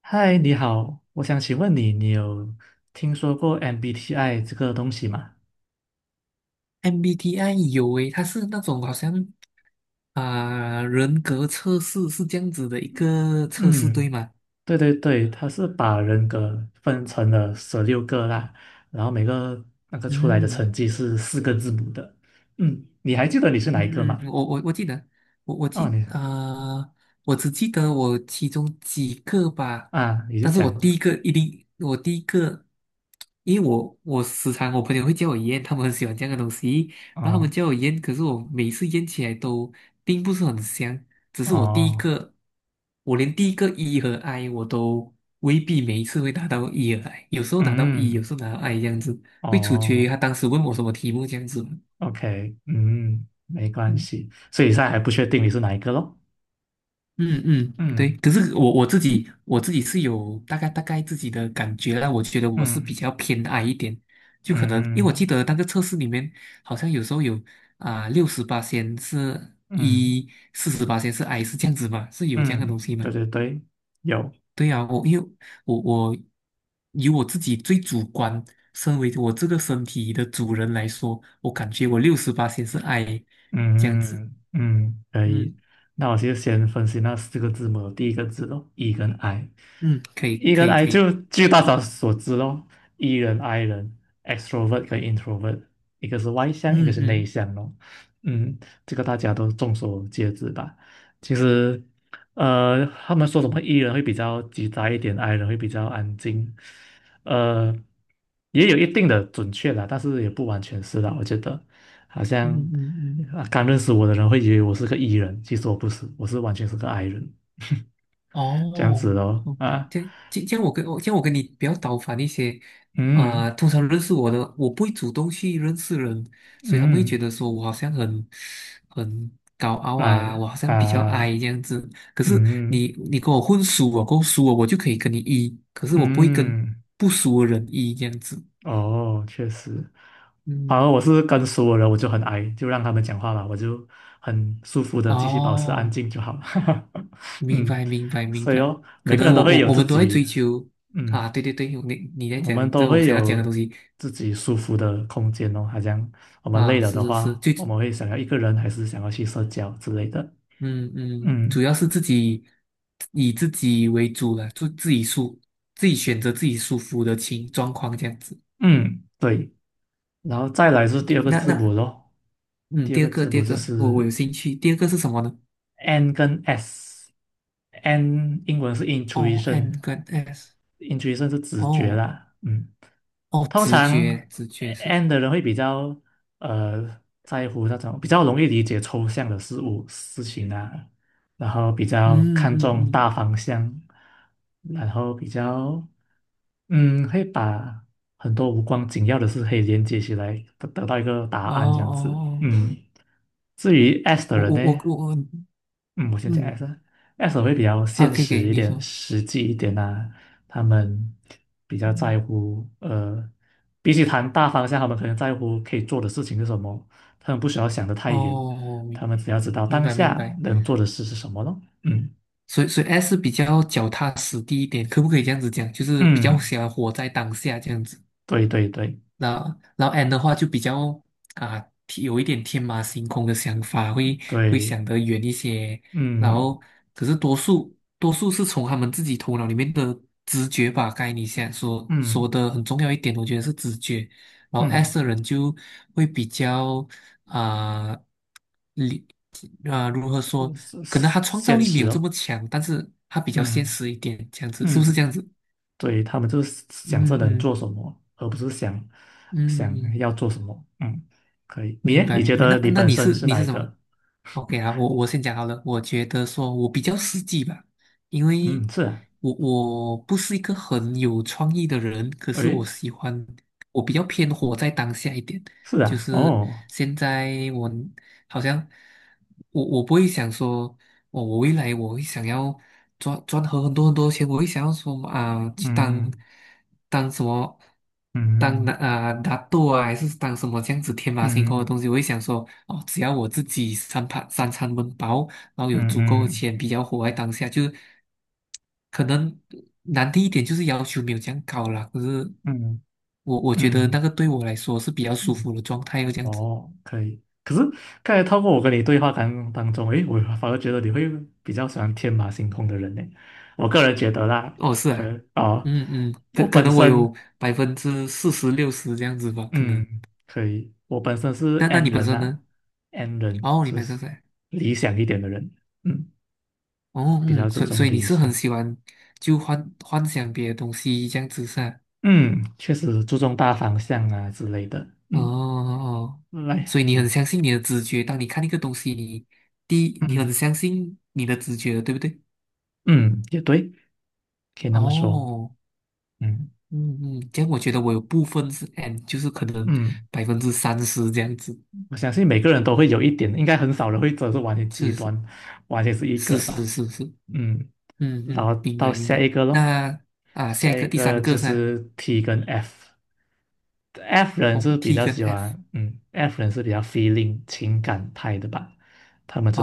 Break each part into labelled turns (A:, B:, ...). A: 嗨，你好，我想请问你，你有听说过 MBTI 这个东西吗？
B: MBTI 有诶，它是那种好像啊、人格测试是这样子的一个测试，
A: 嗯，
B: 对吗？
A: 对对对，它是把人格分成了十六个啦，然后每个那个出来的
B: 嗯
A: 成绩是四个字母的。嗯，你还记得你是哪一个
B: 嗯
A: 吗？
B: 嗯，我记得，我我
A: 哦，
B: 记
A: 你
B: 啊，我只记得我其中几个吧，
A: 啊，你就
B: 但是
A: 讲
B: 我第一个一定，我第一个，因为我时常我朋友会叫我验，他们很喜欢这样的东西，然后他们
A: 哦
B: 叫我验，可是我每次验起来都并不是很香，只是我第一
A: 哦，
B: 个，我连第一个 E 和 I 我都未必每一次会拿到 E 和 I，有时候拿到 E，有
A: 嗯
B: 时候拿到 I 这样子，会取决于
A: 哦
B: 他当时问我什么题目这样子。
A: ，OK，嗯，没关系，所以现在还不确定你是哪一个咯。
B: 嗯嗯，对。
A: 嗯
B: 可是我自己是有大概自己的感觉啦，我觉得我是比
A: 嗯
B: 较偏矮一点，就可能因为我记
A: 嗯
B: 得那个测试里面好像有时候有啊六十八仙是
A: 嗯。
B: 一，48仙是 I 是这样子嘛，是有这样的东
A: 嗯，
B: 西
A: 对
B: 吗？
A: 对对，有，
B: 对啊，我因为我以我自己最主观，身为我这个身体的主人来说，我感觉我六十八仙是 I 这样子。
A: 嗯嗯，可以。
B: 嗯
A: 那我就先分析那四个字母，第一个字咯，E 跟 I。
B: 嗯，可以
A: E
B: 可
A: 跟
B: 以
A: I
B: 可以，
A: 就据大家所知咯，E 人 I 人，extrovert 跟 introvert，一个是外向，一个
B: 嗯
A: 是内
B: 嗯
A: 向咯。嗯，这个大家都众所皆知吧。其实，他们说什么 E 人会比较急躁一点，I 人会比较安静，呃，也有一定的准确啦，但是也不完全是啦，我觉得。好
B: 嗯
A: 像
B: 嗯嗯。嗯
A: 啊刚认识我的人会以为我是个 E 人，其实我不是，我是完全是个 I 人，这样
B: 哦，
A: 子咯
B: 哦，
A: 啊，
B: 这这样我跟你比较倒反一些，
A: 嗯
B: 通常认识我的，我不会主动去认识人，所以他们会觉
A: 嗯，
B: 得说我好像很很高傲
A: 哎
B: 啊，我好像比较矮
A: 啊，
B: 这样子。可是
A: 嗯
B: 你跟我混熟我够熟了，我就可以跟你一，可是我不会跟
A: 嗯，
B: 不熟的人一这样子。
A: 哦，确实，反而
B: 嗯，
A: 我是跟熟的人我就很 I，就让他们讲话吧，我就很舒服的继续保持安
B: 哦，
A: 静就好了，
B: 明
A: 嗯，
B: 白明白明
A: 所以
B: 白，
A: 哦，每
B: 可
A: 个人
B: 能
A: 都
B: 我
A: 会
B: 我
A: 有
B: 我
A: 自
B: 们都在追
A: 己，
B: 求啊，
A: 嗯。
B: 对对对，你在
A: 我们
B: 讲
A: 都
B: 这我
A: 会
B: 想要讲
A: 有
B: 的东西。
A: 自己舒服的空间哦，好像我们
B: 啊，
A: 累了
B: 是
A: 的
B: 是是，
A: 话，
B: 最，
A: 我们会想要一个人，还是想要去社交之类的。
B: 嗯嗯，主
A: 嗯
B: 要是自己以自己为主了，就自己舒，自己选择自己舒服的情状况这样子。
A: 嗯，对。然后再来是
B: 对
A: 第
B: 对，
A: 二个
B: 那
A: 字母
B: 那，
A: 咯，
B: 嗯，
A: 第二
B: 第二
A: 个
B: 个
A: 字
B: 第
A: 母
B: 二
A: 就
B: 个，我
A: 是
B: 有兴趣。第二个是什么呢？
A: N 跟 S。N 英文是
B: 哦，N
A: intuition，intuition
B: 跟 S，
A: 是直觉
B: 哦
A: 啦。嗯
B: 哦，
A: 通
B: 直
A: 常
B: 觉直觉是，
A: N 的人会比较在乎那种比较容易理解抽象的事物事情啊，然后比较
B: 嗯
A: 看
B: 嗯
A: 重
B: 嗯，
A: 大方向，然后比较嗯会把很多无关紧要的事可以连接起来，得到一个答
B: 哦
A: 案这样子。
B: 哦哦，
A: 嗯，至于 S 的
B: 我
A: 人
B: 我我
A: 呢，
B: 我，我
A: 嗯，我先讲
B: 嗯
A: S，S 会比较现
B: 可以可以，
A: 实一
B: 你
A: 点、
B: 说，
A: 实际一点呐。他们比较
B: 嗯，
A: 在乎，比起谈大方向，他们可能在乎可以做的事情是什么。他们不需要想的太远，
B: 哦，明
A: 他们只要知道
B: 明
A: 当
B: 白明
A: 下
B: 白。
A: 能做的事是什么咯。嗯
B: 所以 S 比较脚踏实地一点，可不可以这样子讲？就是比较
A: 嗯，
B: 喜欢活在当下这样子。
A: 对对对
B: 那然后 N 的话就比较啊，有一点天马行空的想法，会
A: 对，
B: 想得远一些。然
A: 嗯
B: 后，可是多数多数是从他们自己头脑里面的直觉吧。刚才你想说说
A: 嗯
B: 的很重要一点，我觉得是直觉。然后
A: 嗯，
B: S 的人就会比较啊，理、啊、如何说？
A: 是
B: 可能他
A: 是
B: 创造
A: 现
B: 力没
A: 实
B: 有这么
A: 哦。
B: 强，但是他比较现
A: 嗯
B: 实一点，这样子是不是这
A: 嗯。
B: 样子？
A: 所以他们就是
B: 嗯
A: 想这能
B: 嗯
A: 做什么，而不是想
B: 嗯。
A: 想要做什么。嗯，可以。你
B: 明
A: 耶
B: 白
A: 你
B: 明
A: 觉
B: 白。那
A: 得你
B: 那
A: 本
B: 你
A: 身
B: 是
A: 是哪一
B: 什么
A: 个？
B: ？OK 啊，我先讲好了。我觉得说我比较实际吧，因为
A: 嗯，是啊，
B: 我不是一个很有创意的人，可是我
A: 诶，
B: 喜欢，我比较偏活在当下一点。
A: 是
B: 就
A: 啊，
B: 是
A: 哦，
B: 现在我好像我不会想说。我未来我会想要赚很多很多钱，我会想要说啊、去当
A: 嗯
B: 当什么当那
A: 嗯
B: 啊拿豆啊，还是当什么这样子天马行空的
A: 嗯
B: 东西，我会想说哦，只要我自己三餐温饱，然后有
A: 嗯
B: 足够的
A: 嗯
B: 钱，比较活在当下，就是可能难听一点，就是要求没有这样高啦。可是
A: 嗯
B: 我觉得那
A: 嗯
B: 个对我来说是比较舒服
A: 嗯，
B: 的状态，又这样子。
A: 哦，可以。可是刚才透过我跟你对话当中，诶，我反而觉得你会比较喜欢天马行空的人呢。我个人觉得啦，
B: 哦，是
A: 可
B: 啊，
A: 哦，
B: 嗯嗯，可
A: 我
B: 可
A: 本
B: 能我有
A: 身。
B: 40%六十这样子吧，可能。
A: 嗯，可以。我本身是
B: 那
A: N
B: 你本
A: 人呐、
B: 身
A: 啊
B: 呢？
A: n 人
B: 哦，你
A: 就
B: 本身
A: 是
B: 在，
A: 理想一点的人，嗯，
B: 哦
A: 比较
B: 嗯，
A: 注
B: 所以
A: 重
B: 所以你
A: 理
B: 是很
A: 想，
B: 喜欢就幻想别的东西这样子噻、
A: 嗯，确实注重大方向啊之类的，
B: 啊哦
A: 嗯，
B: 哦，所以
A: 来，
B: 你很相信你的直觉，当你看一个东西，你第一你很
A: 嗯
B: 相信你的直觉的对不对？
A: 嗯，也对，可以那么说，
B: 哦，
A: 嗯
B: 嗯嗯，这样我觉得我有部分是 N，就是可能
A: 嗯，
B: 30%这样子，
A: 我相信每个人都会有一点，应该很少人会真的是完全极
B: 是是
A: 端，完全是一
B: 是
A: 个
B: 是
A: 吧，
B: 是是。
A: 嗯，
B: 嗯
A: 然
B: 嗯，
A: 后
B: 明
A: 到
B: 白明
A: 下
B: 白。
A: 一个咯，
B: 那啊，下
A: 下
B: 一
A: 一
B: 个第
A: 个
B: 三个
A: 就
B: 是吧
A: 是 T 跟 F。F 人
B: 哦
A: 是比
B: ，T
A: 较
B: 跟
A: 喜
B: F。
A: 欢，嗯，F 人是比较 feeling 情感派的吧，他们就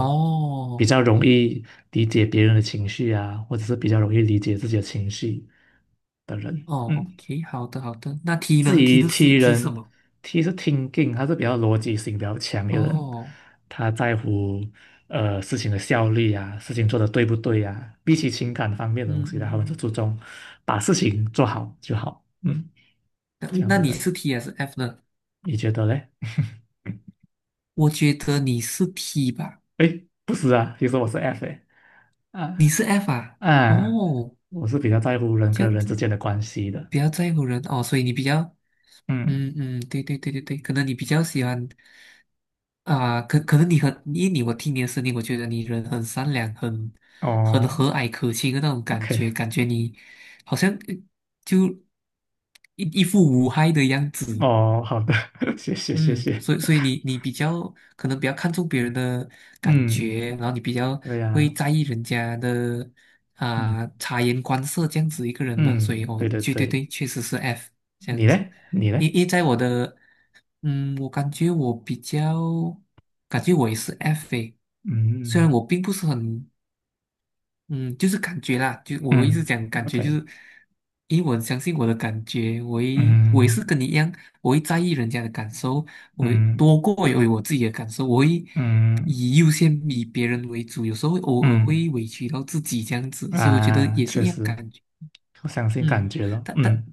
A: 比较容易理解别人的情绪啊，或者是比较容易理解自己的情绪的人。
B: 哦
A: 嗯，
B: ，OK，好的好的。那 T
A: 至
B: 呢？
A: 于 T
B: T 是什
A: 人
B: 么？
A: ，T 是 thinking，他是比较逻辑性比较强的人，
B: 哦，
A: 他在乎事情的效率啊，事情做的对不对啊，比起情感方面的东
B: 嗯
A: 西呢，
B: 嗯
A: 他们就
B: 嗯。
A: 注重把事情做好就好，嗯，
B: 那
A: 这
B: 嗯
A: 样
B: 那
A: 的
B: 你
A: 人，
B: 是 T 还是 F 呢？
A: 你觉得嘞？
B: 我觉得你是 T 吧，
A: 哎，不是啊，其实我是 F 诶，
B: 你
A: 啊
B: 是 F 啊？
A: 啊，
B: 哦，
A: 我是比较在乎人
B: 这
A: 跟
B: 样
A: 人
B: 子
A: 之间的关系的。
B: 比较在乎人哦，所以你比较
A: 嗯，
B: 嗯嗯，对对对对对，可能你比较喜欢啊，可能你很，因为我听你的声音，我觉得你人很善良，很
A: 哦
B: 和蔼可亲的那种感觉，
A: ，OK，
B: 感觉你好像就一副无害的样子，
A: 哦，好的，谢谢谢
B: 嗯，
A: 谢。
B: 所以你比较可能比较看重别人的感
A: 嗯，
B: 觉，然后你比较
A: 对
B: 会
A: 呀，
B: 在意人家的
A: 嗯
B: 啊、察言观色这样子一个人嘛，所以
A: 嗯，
B: 哦，
A: 对对
B: 对对
A: 对，
B: 对，确实是 F 这样
A: 你
B: 子。
A: 嘞，你
B: 因
A: 嘞，
B: 因为在我的我感觉我比较，感觉我也是 F 诶，虽然
A: 嗯
B: 我并不是很，嗯，就是感觉啦，就我一直
A: 嗯
B: 讲感觉，就
A: ，OK，
B: 是因为我很相信我的感觉，我也
A: 嗯
B: 是跟你一样，我会在意人家的感受，我会
A: 嗯
B: 多过于我自己的感受，我会
A: 嗯
B: 以优先以别人为主，有时候会偶尔
A: 嗯
B: 会委屈到自己这样子，所以我觉得
A: 啊，
B: 也是
A: 确
B: 一样
A: 实，
B: 感觉。
A: 我相信感
B: 嗯，
A: 觉了，
B: 但但
A: 嗯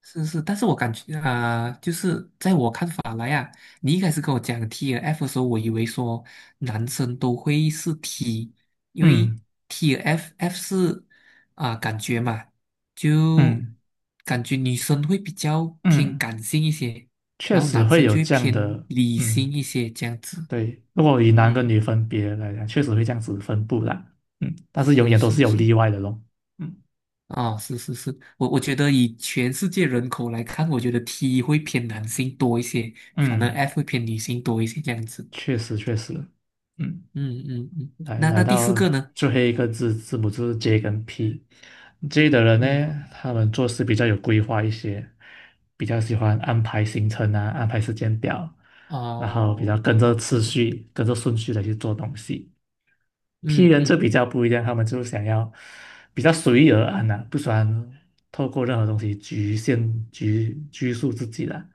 B: 是，但是我感觉啊、就是在我看法来啊，你一开始跟我讲 TF 的时候，我以为说男生都会是 T，因为
A: 嗯
B: TF F 是啊、感觉嘛，就
A: 嗯
B: 感觉女生会比较偏
A: 嗯，
B: 感性一些，
A: 确
B: 然后
A: 实
B: 男
A: 会
B: 生
A: 有
B: 就会
A: 这样
B: 偏
A: 的，
B: 理性
A: 嗯。
B: 一些这样子。
A: 对，如果以男跟
B: 嗯，
A: 女分别来讲，确实会这样子分布啦。嗯，但是永
B: 是
A: 远都是
B: 是
A: 有
B: 是，
A: 例外的咯。嗯
B: 啊，是是是，我觉得以全世界人口来看，我觉得 T 会偏男性多一些，反而
A: 嗯，
B: F 会偏女性多一些这样子。
A: 确实确实。嗯，
B: 嗯嗯嗯，
A: 来
B: 那
A: 来
B: 第四
A: 到
B: 个呢？
A: 最后一个字母就是 J 跟 P。J 的人
B: 嗯，
A: 呢，他们做事比较有规划一些，比较喜欢安排行程啊，安排时间表，然后比较
B: 哦，
A: 跟着
B: 好
A: 次
B: 的，
A: 序、跟着顺序的去做东西。P
B: 嗯
A: 人就
B: 嗯
A: 比较不一样，他们就想要比较随遇而安呐、不喜欢透过任何东西局限局拘束自己啦，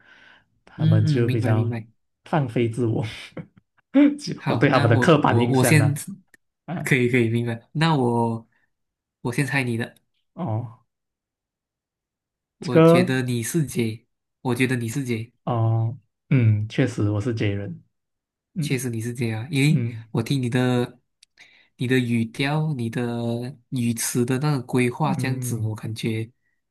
A: 他
B: 嗯
A: 们
B: 嗯，
A: 就
B: 明
A: 比
B: 白明
A: 较
B: 白。
A: 放飞自我。就我
B: 好，
A: 对他们
B: 那
A: 的刻
B: 我
A: 板
B: 我
A: 印
B: 我
A: 象
B: 先，
A: 呢，啊，
B: 可以可以明白。那我先猜你的，
A: 哦，这
B: 我觉
A: 个，
B: 得你是姐，我觉得你是姐。
A: 哦，嗯，确实我是 J 人，
B: 确
A: 嗯
B: 实你是这样，因为
A: 嗯
B: 我听你的、你的语调、你的语词的那个规划这样子，
A: 嗯
B: 我感觉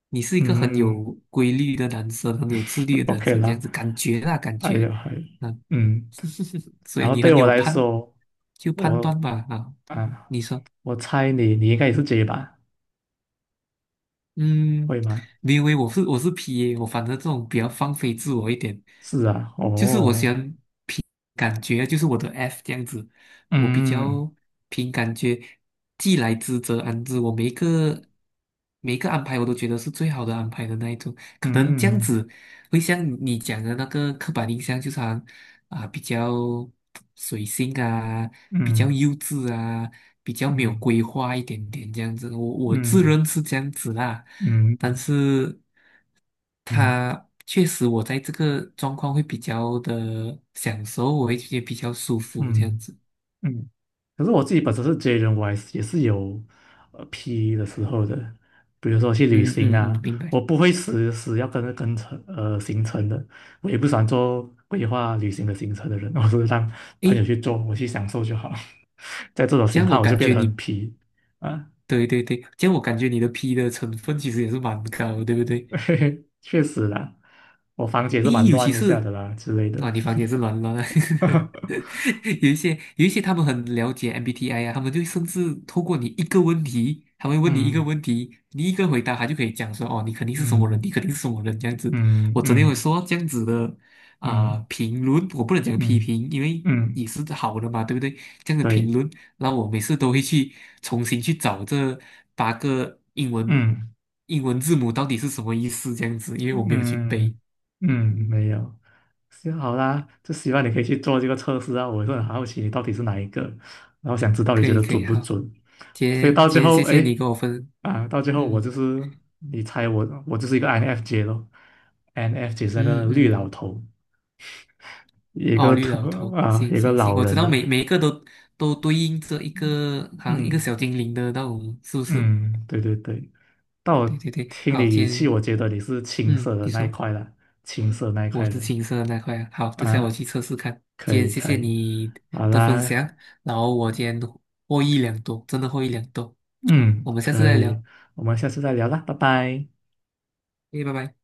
B: 你是一个很
A: 嗯
B: 有规律的男生，很有自律的男
A: ，OK
B: 生，这样
A: 啦，
B: 子感觉啦，感
A: 哎
B: 觉，
A: 呀，还，
B: 嗯，
A: 嗯，
B: 所
A: 然
B: 以
A: 后
B: 你
A: 对
B: 很
A: 我
B: 有
A: 来
B: 判，
A: 说，
B: 就判断
A: 我
B: 吧，啊，
A: 啊，
B: 你说。
A: 我猜你你应该也是 J 吧。
B: 嗯，
A: 会吗？
B: 你以为我是 PA，我反正这种比较放飞自我一点，
A: 是啊，
B: 就是我喜
A: 哦，
B: 欢凭感觉啊，就是我的 F 这样子，我比
A: 嗯
B: 较凭感觉，既来之则安之，我每一个每一个安排我都觉得是最好的安排的那一种，可能这
A: 嗯
B: 样
A: 嗯
B: 子会像你讲的那个刻板印象，就是好像啊比较随性啊，比较
A: 嗯
B: 幼稚啊，比较没有
A: 嗯
B: 规划一点点这样子。我自
A: 嗯
B: 认是这样子啦，
A: 嗯
B: 但是他确实我在这个状况会比较的享受，我会觉得比较舒服这样
A: 嗯
B: 子。
A: 嗯。可是我自己本身是 J 人，我还是也是有P E 的时候的，比如说去旅
B: 嗯
A: 行
B: 嗯嗯，
A: 啊，
B: 明白。
A: 我不会死死要跟着行程的，我也不喜欢做规划旅行的行程的人，我是让朋友
B: 诶，
A: 去做，我去享受就好。在这种
B: 这
A: 情
B: 样
A: 况，
B: 我
A: 我就
B: 感
A: 变
B: 觉
A: 得很
B: 你，
A: 皮啊。
B: 对对对，这样我感觉你的 P 的成分其实也是蛮高，对不对？
A: 嘿嘿，确实啦，我房间是蛮
B: 咦，尤其
A: 乱一下的
B: 是
A: 啦之类的。
B: 啊，你房间是乱乱的，有一些他们很了解 MBTI 啊，他们就甚至透过你一个问题，他会问你一个
A: 嗯
B: 问题，你一个回答，他就可以讲说哦，你肯定是什么人，
A: 嗯
B: 你肯定是什么人这样子。
A: 嗯
B: 我昨天有
A: 嗯
B: 说这样子的
A: 嗯
B: 啊、
A: 嗯
B: 评论，我不能讲批评，因为
A: 嗯，嗯嗯嗯嗯嗯
B: 也是好的嘛，对不对？这样的
A: 对，
B: 评论，然后我每次都会去重新去找这8个英文
A: 嗯
B: 英文字母到底是什么意思，这样子，因为我没有去背。
A: 嗯
B: 嗯
A: 嗯，
B: 嗯
A: 没有，行好啦，就希望你可以去做这个测试啊，我也是很好奇你到底是哪一个，然后想知道你
B: 可
A: 觉
B: 以
A: 得
B: 可
A: 准
B: 以，
A: 不
B: 好，
A: 准，
B: 今
A: 所以
B: 天
A: 到最
B: 今天
A: 后，
B: 谢谢
A: 哎
B: 你跟我分，
A: 啊，到最后我就
B: 嗯
A: 是你猜我，我就是一个 INFJ 咯，INFJ 是那个
B: 嗯
A: 绿老
B: 嗯，
A: 头，一
B: 哦，
A: 个
B: 绿
A: 特
B: 老头，
A: 啊，
B: 行
A: 一个
B: 行行，
A: 老
B: 我知
A: 人
B: 道
A: 的，
B: 每一个都对应着一个好像一个
A: 嗯
B: 小精灵的那种，是不是？
A: 嗯，对对对，但
B: 对
A: 我
B: 对对，
A: 听你
B: 好，今
A: 语气，
B: 天
A: 我觉得你是青
B: 嗯，
A: 涩的
B: 你
A: 那一
B: 说
A: 块啦，青涩那一
B: 我
A: 块
B: 是
A: 人
B: 青色的那块啊，好，等下我
A: 啊，
B: 去测试看。
A: 可
B: 今天
A: 以
B: 谢
A: 可
B: 谢
A: 以，
B: 你
A: 好
B: 的分
A: 啦，
B: 享，然后我今天获益良多，真的获益良多。好，我
A: 嗯，
B: 们下次
A: 可
B: 再
A: 以，
B: 聊，
A: 我们下次再聊啦，拜拜。
B: 诶，拜拜。